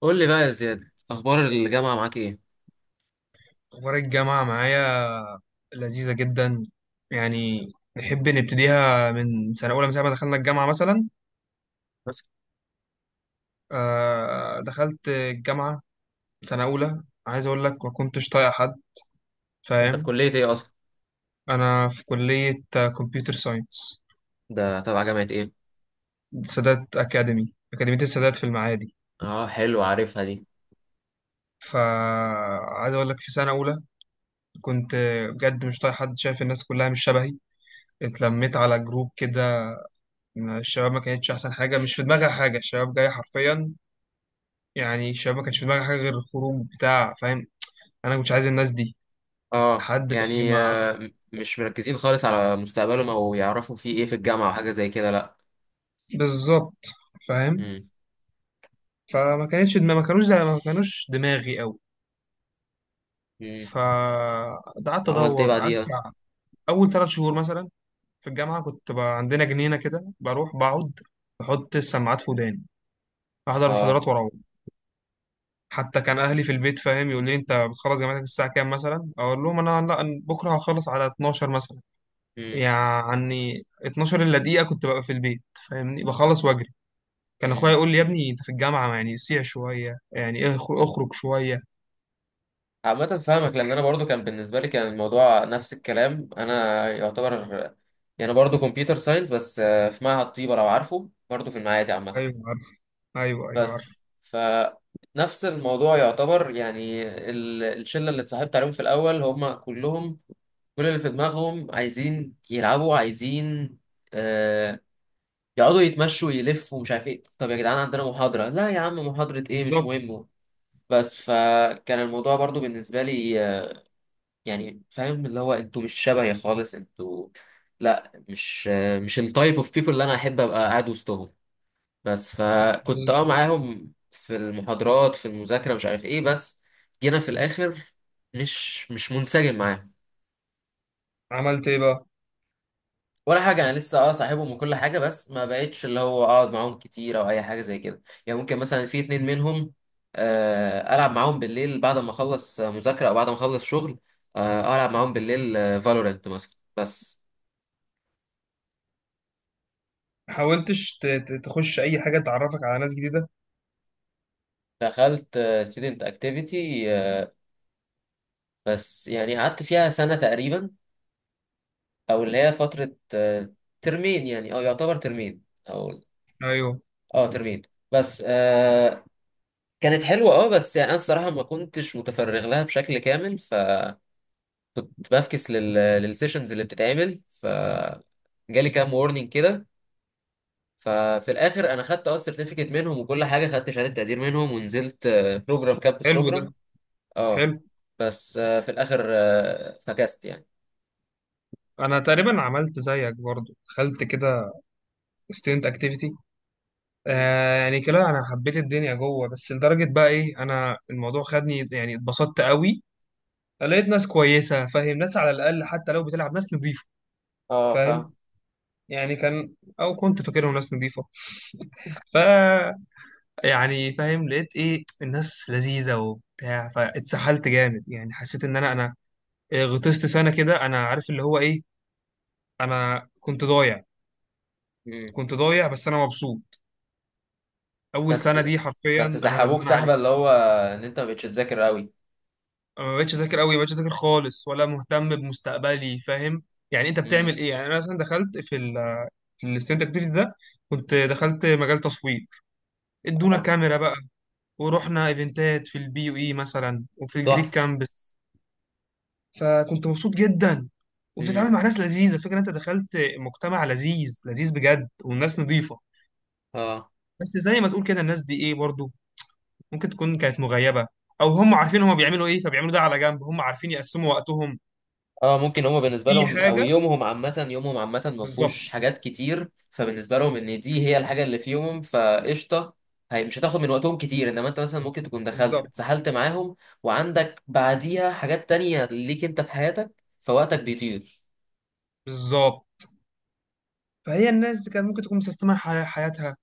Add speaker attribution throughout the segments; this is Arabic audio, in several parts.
Speaker 1: قول لي بقى يا زياد، اخبار الجامعه معاك ايه؟
Speaker 2: أخبار الجامعة معايا لذيذة جدا. يعني نحب نبتديها من سنة أولى من ساعة ما دخلنا الجامعة مثلا.
Speaker 1: بس.
Speaker 2: دخلت الجامعة سنة أولى، عايز أقول لك ما كنتش طايق حد،
Speaker 1: انت في
Speaker 2: فاهم.
Speaker 1: كليه ايه اصلا؟
Speaker 2: أنا في كلية كمبيوتر ساينس،
Speaker 1: ده تبع جامعه ايه؟
Speaker 2: سادات أكاديمي، أكاديمية السادات في المعادي.
Speaker 1: اه، حلو، عارفها دي.
Speaker 2: فعايز أقول لك في سنة أولى كنت بجد مش طايق حد، شايف الناس كلها مش شبهي. اتلميت على جروب كده، الشباب ما كانتش أحسن حاجة، مش في دماغها حاجة، الشباب جاية حرفيا يعني الشباب ما كانش في دماغي حاجه غير الخروج بتاع، فاهم. انا كنتش عايز الناس دي
Speaker 1: اه
Speaker 2: لحد بقى
Speaker 1: يعني
Speaker 2: ما،
Speaker 1: مش مركزين خالص على مستقبلهم او يعرفوا في ايه في الجامعه او حاجه زي كده، لا.
Speaker 2: بالظبط، فاهم.
Speaker 1: امم.
Speaker 2: فما كانتش دماغي، ما كانوش دماغي قوي.
Speaker 1: امم.
Speaker 2: فقعدت
Speaker 1: وعملت ايه
Speaker 2: ادور، قعدت
Speaker 1: بعديها؟
Speaker 2: بتاع. اول ثلاث شهور مثلا في الجامعه كنت بقى عندنا جنينه كده بروح بقعد، بحط السماعات في وداني، احضر
Speaker 1: اه.
Speaker 2: محاضرات واروح. حتى كان اهلي في البيت، فاهم، يقول لي انت بتخلص جامعتك الساعه كام مثلا، اقول لهم انا لا، أنا بكره هخلص على 12 مثلا.
Speaker 1: امم،
Speaker 2: يعني 12 الا دقيقة كنت ببقى في البيت، فاهمني، بخلص واجري. كان اخويا
Speaker 1: امم.
Speaker 2: يقول لي يا ابني انت في الجامعة يعني سيع شوية، يعني اخرج شوية.
Speaker 1: عامه فاهمك، لان انا برضو كان بالنسبه لي كان الموضوع نفس الكلام انا يعتبر. يعني برضو كمبيوتر ساينس، بس في معهد طيبه، لو عارفه، برضو في المعادي عامه.
Speaker 2: ايوه عارف، ايوه ايوه
Speaker 1: بس.
Speaker 2: عارف،
Speaker 1: فنفس الموضوع يعتبر يعني. الشلة اللي اتصاحبت عليهم في الأول هم كلهم، كل اللي في دماغهم عايزين يلعبوا، عايزين آه يقعدوا يتمشوا يلفوا، مش عارف ايه. طب يا جدعان، عندنا محاضرة؟ لا يا عم، محاضرة ايه؟ مش
Speaker 2: بالظبط.
Speaker 1: مهم. بس فكان الموضوع برضو بالنسبة لي يعني فاهم اللي هو انتوا مش شبهي خالص، انتوا لا، مش مش التايب اوف بيبول اللي انا احب ابقى قاعد وسطهم. بس فكنت
Speaker 2: بالظبط.
Speaker 1: معاهم في المحاضرات في المذاكرة، مش عارف ايه، بس جينا في الآخر مش منسجم معاهم.
Speaker 2: عملت ايه بقى.
Speaker 1: ولا حاجة، أنا لسه صاحبهم وكل حاجة، بس ما بقتش اللي هو أقعد معاهم كتير أو أي حاجة زي كده، يعني ممكن مثلا في اتنين منهم ألعب معاهم بالليل بعد ما أخلص مذاكرة أو بعد ما أخلص شغل. ألعب معاهم بالليل، فالورنت مثلا، بس.
Speaker 2: حاولتش تخش اي حاجة تعرفك على ناس جديدة.
Speaker 1: دخلت ستودنت اكتيفيتي، بس يعني قعدت فيها سنة تقريبا، او اللي هي فتره ترمين يعني، او يعتبر ترمين، او
Speaker 2: ايوه.
Speaker 1: اه، ترمين. بس. كانت حلوه، بس يعني انا الصراحه ما كنتش متفرغ لها بشكل كامل، فكنت بفكس للسيشنز اللي بتتعمل جالي كام وورنينج كده. ففي الاخر انا خدت السيرتيفيكت منهم، وكل حاجه خدت شهاده تقدير منهم، ونزلت بروجرام، كامبس
Speaker 2: حلو ده.
Speaker 1: بروجرام. اه، program campus program.
Speaker 2: حلو.
Speaker 1: بس في الاخر فكست يعني.
Speaker 2: انا تقريبا عملت زيك برضو، دخلت كده student activity.
Speaker 1: مم.
Speaker 2: آه يعني كده انا حبيت الدنيا جوه، بس لدرجة بقى ايه، انا الموضوع خدني، يعني اتبسطت قوي. لقيت ناس كويسة، فاهم، ناس على الأقل حتى لو بتلعب ناس نظيفة،
Speaker 1: اه، فاهم.
Speaker 2: فاهم. يعني كان، أو كنت فاكرهم ناس نظيفة. ف، يعني فاهم، لقيت إيه الناس لذيذة وبتاع، فاتسحلت جامد، يعني حسيت إن أنا إيه، غطست سنة كده، أنا عارف اللي هو إيه، أنا كنت ضايع.
Speaker 1: مم.
Speaker 2: كنت ضايع بس أنا مبسوط. أول
Speaker 1: بس.
Speaker 2: سنة دي حرفيا
Speaker 1: بس
Speaker 2: أنا
Speaker 1: سحبوك
Speaker 2: ندمان
Speaker 1: سحبه
Speaker 2: عليها.
Speaker 1: اللي هو ان انت ما بقتش تذاكر قوي؟
Speaker 2: ما بقتش أذاكر أوي، ما بقتش أذاكر خالص ولا مهتم بمستقبلي، فاهم. يعني أنت بتعمل
Speaker 1: امم.
Speaker 2: إيه، يعني أنا مثلا دخلت في ال، في الستودنت أكتيفيتي ده. كنت دخلت مجال تصوير، ادونا
Speaker 1: اه.
Speaker 2: كاميرا بقى، ورحنا ايفنتات في البي يو اي مثلا وفي الجريك
Speaker 1: تحفه.
Speaker 2: كامبس. فكنت مبسوط جدا،
Speaker 1: امم.
Speaker 2: وبتتعامل مع ناس لذيذه، فكرة انت دخلت مجتمع لذيذ لذيذ بجد والناس نظيفه.
Speaker 1: اه.
Speaker 2: بس زي ما تقول كده الناس دي ايه برضو ممكن تكون كانت مغيبه، او هم عارفين هم بيعملوا ايه فبيعملوا ده على جنب، هم عارفين يقسموا وقتهم.
Speaker 1: اه ممكن، هما بالنسبه
Speaker 2: في
Speaker 1: لهم، او
Speaker 2: حاجه،
Speaker 1: يومهم عامه يومهم عامه ما فيهوش
Speaker 2: بالظبط.
Speaker 1: حاجات كتير، فبالنسبه لهم ان دي هي الحاجه اللي في يومهم، فقشطه. هي مش هتاخد من وقتهم كتير، انما انت مثلا ممكن تكون دخلت
Speaker 2: بالظبط.
Speaker 1: اتسحلت معاهم، وعندك بعديها حاجات تانية ليك انت في حياتك، فوقتك بيطير.
Speaker 2: بالظبط. فهي الناس دي كانت ممكن تكون مسيستمه حياتها،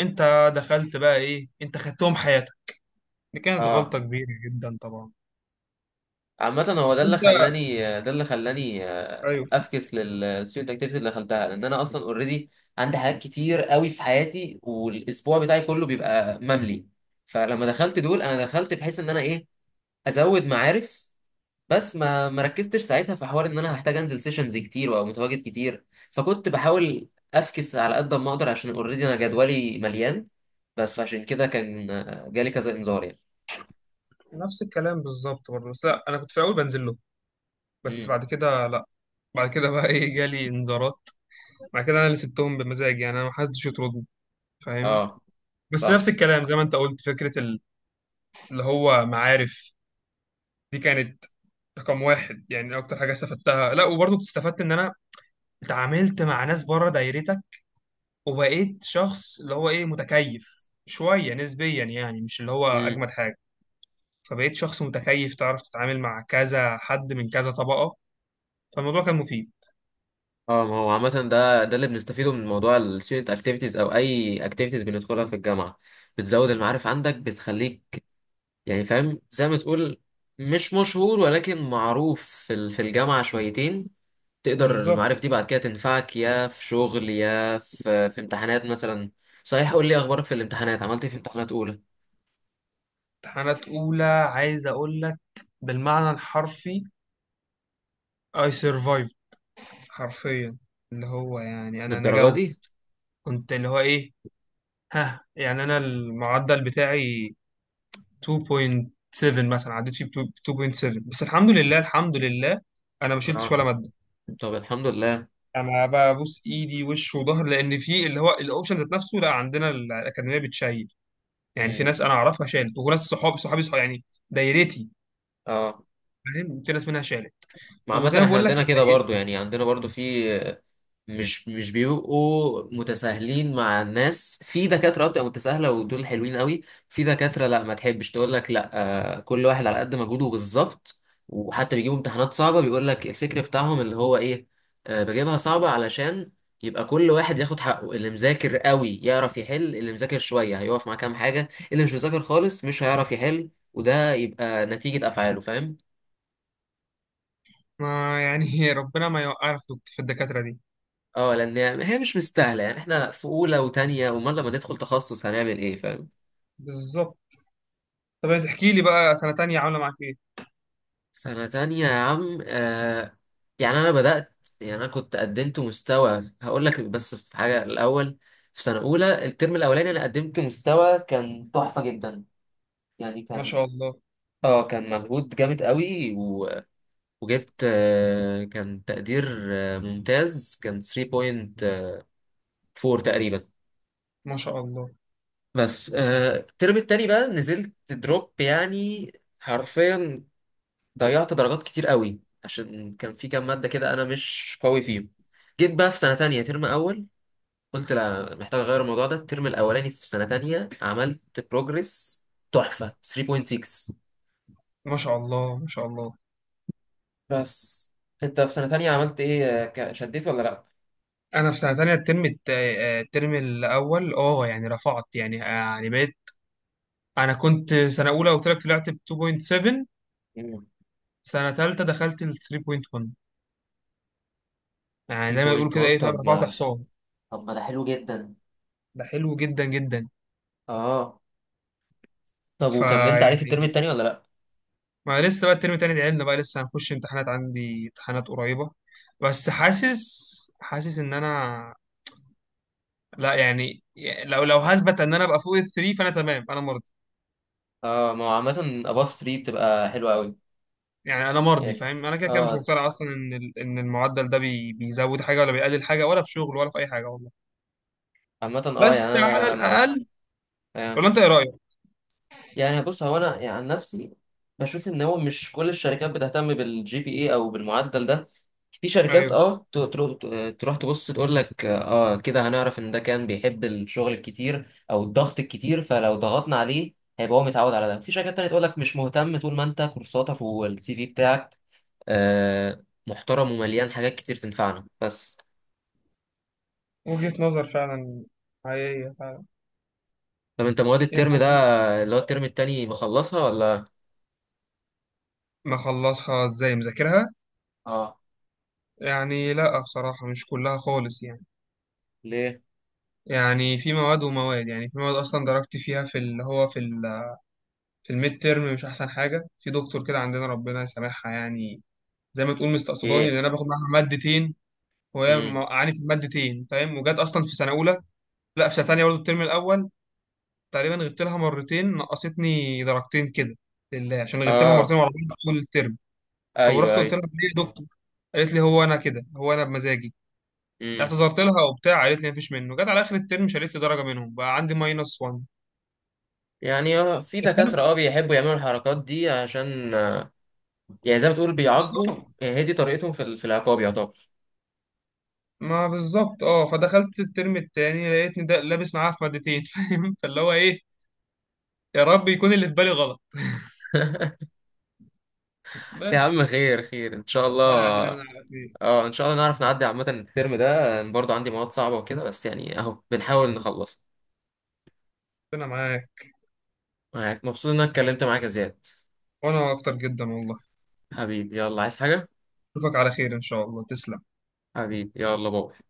Speaker 2: انت دخلت بقى ايه، انت خدتهم حياتك. دي كانت غلطه
Speaker 1: اه،
Speaker 2: كبيره جدا طبعا.
Speaker 1: عامة هو
Speaker 2: بس انت،
Speaker 1: ده اللي خلاني
Speaker 2: ايوه.
Speaker 1: افكس للستودنت اكتيفيتي اللي دخلتها، لان انا اصلا اوريدي عندي حاجات كتير قوي في حياتي، والاسبوع بتاعي كله بيبقى مملي. فلما دخلت دول، انا دخلت بحيث ان انا ايه، ازود معارف. بس ما ركزتش ساعتها في حوار ان انا هحتاج انزل سيشنز كتير وابقى متواجد كتير. فكنت بحاول افكس على قد ما اقدر، عشان اوريدي انا جدولي مليان. بس فعشان كده كان جالي كذا انذار يعني.
Speaker 2: نفس الكلام بالظبط برضه، بس لا انا كنت في الاول بنزل له، بس
Speaker 1: امم.
Speaker 2: بعد كده لا. بعد كده بقى ايه جالي انذارات. بعد كده انا اللي سبتهم بمزاج، يعني انا ما حدش يطردني، فاهم.
Speaker 1: اه،
Speaker 2: بس نفس الكلام زي ما انت قلت، فكره اللي هو معارف. دي كانت رقم واحد يعني اكتر حاجه استفدتها. لا وبرضه كنت استفدت ان انا اتعاملت مع ناس بره دايرتك، وبقيت شخص اللي هو ايه متكيف شويه نسبيا، يعني مش اللي هو
Speaker 1: فاهم.
Speaker 2: اجمد حاجه. فبقيت شخص متكيف تعرف تتعامل مع كذا حد من كذا طبقه. فالموضوع كان مفيد.
Speaker 1: اه، ما هو عامة ده اللي بنستفيده من موضوع ال student activities أو أي activities بندخلها في الجامعة، بتزود المعارف عندك، بتخليك يعني فاهم، زي ما تقول مش مشهور، ولكن معروف في الجامعة شويتين. تقدر
Speaker 2: بالظبط.
Speaker 1: المعارف دي بعد كده تنفعك، يا في شغل يا في امتحانات مثلا. صحيح، قول لي أخبارك في الامتحانات، عملت إيه في امتحانات أولى؟
Speaker 2: امتحانات أولى عايز أقول لك بالمعنى الحرفي I survived، حرفيا، اللي هو يعني أنا
Speaker 1: للدرجة
Speaker 2: نجوت.
Speaker 1: دي؟
Speaker 2: كنت اللي هو إيه، ها، يعني أنا المعدل بتاعي 2.7 مثلا، عديت فيه ب 2.7 بس الحمد لله. الحمد لله أنا ما شلتش
Speaker 1: اه.
Speaker 2: ولا مادة.
Speaker 1: طب، الحمد لله.
Speaker 2: أنا ببوس إيدي وش وظهر، لأن في اللي هو الأوبشن ذات نفسه، لا عندنا الأكاديمية بتشيل. يعني في
Speaker 1: مم.
Speaker 2: ناس أنا أعرفها شالت، وناس صحابي صحابي صحابي يعني دايرتي،
Speaker 1: اه.
Speaker 2: فاهم، في ناس منها شالت.
Speaker 1: ما عامة
Speaker 2: وزي ما
Speaker 1: احنا
Speaker 2: بقول لك،
Speaker 1: عندنا كده برضو، يعني عندنا برضو في مش بيبقوا متساهلين مع الناس، في دكاترة بتبقى متساهلة، ودول حلوين قوي. في دكاترة لا، ما تحبش تقول لك لا، كل واحد على قد مجهوده بالظبط. وحتى بيجيبوا امتحانات صعبة، بيقول لك الفكر بتاعهم اللي هو ايه، بجيبها صعبة علشان يبقى كل واحد ياخد حقه. اللي مذاكر قوي يعرف يحل، اللي مذاكر شوية هيقف مع كام حاجة، اللي مش مذاكر خالص مش هيعرف يحل، وده يبقى نتيجة أفعاله، فاهم؟
Speaker 2: ما يعني هي ربنا ما يوقعنا في في الدكاترة دي.
Speaker 1: اه، لان هي مش مستاهله، يعني احنا في اولى وتانية، امال لما ندخل تخصص هنعمل ايه، فاهم؟
Speaker 2: بالظبط. طب تحكي لي بقى سنة تانية عاملة معاك ايه؟
Speaker 1: سنة تانية يا عم. يعني أنا بدأت، يعني أنا كنت قدمت مستوى، هقول لك بس في حاجة الأول. في سنة أولى الترم الأولاني أنا قدمت مستوى كان تحفة جدا، يعني
Speaker 2: ما
Speaker 1: كان،
Speaker 2: شاء الله،
Speaker 1: اه، كان مجهود جامد قوي وجبت كان تقدير ممتاز، كان 3.4 تقريبا.
Speaker 2: ما شاء الله.
Speaker 1: بس الترم التاني بقى نزلت دروب يعني، حرفيا ضيعت درجات كتير قوي، عشان كان في كام مادة كده أنا مش قوي فيهم. جيت بقى في سنة تانية ترم أول، قلت لا، محتاج أغير الموضوع ده. الترم الأولاني في سنة تانية عملت بروجرس تحفة، 3.6.
Speaker 2: ما شاء الله، ما شاء الله.
Speaker 1: بس. أنت في سنة تانية عملت إيه شديت ولا لأ؟
Speaker 2: انا في سنة تانية الترم الت- آه، الترم الاول اه، يعني رفعت، يعني يعني بقيت. انا كنت سنة اولى قلت لك طلعت ب 2.7،
Speaker 1: مم،
Speaker 2: سنة تالتة دخلت ل 3.1. يعني زي ما بيقولوا كده
Speaker 1: 3.1.
Speaker 2: ايه، فاهم، رفعت حصان.
Speaker 1: طب ما ده حلو جدا.
Speaker 2: ده حلو جدا جدا.
Speaker 1: آه. طب، وكملت عليه في الترم
Speaker 2: فيعني،
Speaker 1: التاني ولا لأ؟
Speaker 2: ما لسه بقى الترم التاني، لعلنا بقى لسه هنخش امتحانات، عندي امتحانات قريبة. بس حاسس، حاسس ان انا، لا يعني لو هثبت ان انا ابقى فوق الثري فانا تمام، انا مرضي.
Speaker 1: آه، ما هو عامة above 3 بتبقى حلوة أوي.
Speaker 2: يعني انا مرضي،
Speaker 1: يعني.
Speaker 2: فاهم، انا كده كده مش
Speaker 1: آه.
Speaker 2: مقتنع اصلا ان ان المعدل ده بي بيزود حاجة ولا بيقلل حاجة، ولا في شغل ولا في اي حاجة والله.
Speaker 1: عامة يعني
Speaker 2: بس على
Speaker 1: أنا لما،
Speaker 2: الاقل،
Speaker 1: يعني،
Speaker 2: ولا انت ايه رأيك؟
Speaker 1: يعني بص هو انا يعني عن نفسي، بشوف ان هو مش كل الشركات بتهتم بالجي بي اي او بالمعدل ده. في شركات
Speaker 2: ايوه،
Speaker 1: تروح تبص تقول لك كده هنعرف ان ده كان بيحب الشغل الكتير او الضغط الكتير، فلو ضغطنا عليه هيبقى هو متعود على ده. في شركات تانية تقول لك مش مهتم، طول ما انت كورساتك والسي في بتاعك آه، محترم ومليان حاجات كتير تنفعنا، بس.
Speaker 2: وجهة نظر فعلا، حقيقية فعلا.
Speaker 1: طب انت، مواد الترم ده
Speaker 2: يعني
Speaker 1: اللي هو الترم التاني، مخلصها ولا؟
Speaker 2: مخلصها ازاي مذاكرها؟
Speaker 1: اه.
Speaker 2: يعني لا بصراحة مش كلها خالص، يعني.
Speaker 1: ليه؟
Speaker 2: يعني في مواد ومواد، يعني في مواد اصلا درجتي فيها في اللي هو في ال، في الميد تيرم مش احسن حاجه، في دكتور كده عندنا ربنا يسامحها يعني، زي ما تقول مستقصداني، لان
Speaker 1: ايه.
Speaker 2: انا باخد معاها مادتين وهي
Speaker 1: امم.
Speaker 2: موقعاني في المادتين، فاهم. وجت اصلا في سنه اولى، لا في سنه تانيه برضه الترم الاول. تقريبا غبت لها مرتين نقصتني درجتين كده، لله، عشان غبت لها مرتين
Speaker 1: اه،
Speaker 2: ورا بعض طول الترم. فروحت
Speaker 1: ايوه،
Speaker 2: قلت
Speaker 1: ايوه.
Speaker 2: لها ليه يا دكتور، قالت لي هو انا كده، هو انا بمزاجي.
Speaker 1: امم.
Speaker 2: اعتذرت لها وبتاع، قالت لي مفيش منه. جت على اخر الترم شالت لي درجه، منهم بقى عندي ماينس 1.
Speaker 1: يعني هو في دكاترة بيحبوا يعملوا الحركات دي، عشان يعني زي ما تقول، بيعاقبوا.
Speaker 2: اه،
Speaker 1: هي دي طريقتهم في العقاب يعتبر.
Speaker 2: ما بالظبط اه. فدخلت الترم التاني لقيتني ده لابس معاها في مادتين فاهم، فاللي هو ايه، يا رب يكون اللي في بالي غلط،
Speaker 1: يا عم،
Speaker 2: بس.
Speaker 1: خير خير ان شاء
Speaker 2: ربنا عدنا من
Speaker 1: الله.
Speaker 2: على خير.
Speaker 1: اه، ان شاء الله نعرف نعدي. عامة الترم ده أنا برضه عندي مواد صعبة وكده، بس يعني اهو بنحاول نخلص.
Speaker 2: ربنا معاك.
Speaker 1: مبسوط ان انا اتكلمت معاك يا زياد.
Speaker 2: وانا اكتر جدا والله.
Speaker 1: حبيبي، يلا عايز حاجة؟
Speaker 2: اشوفك على خير ان شاء الله، تسلم.
Speaker 1: حبيبي، يلا بابا.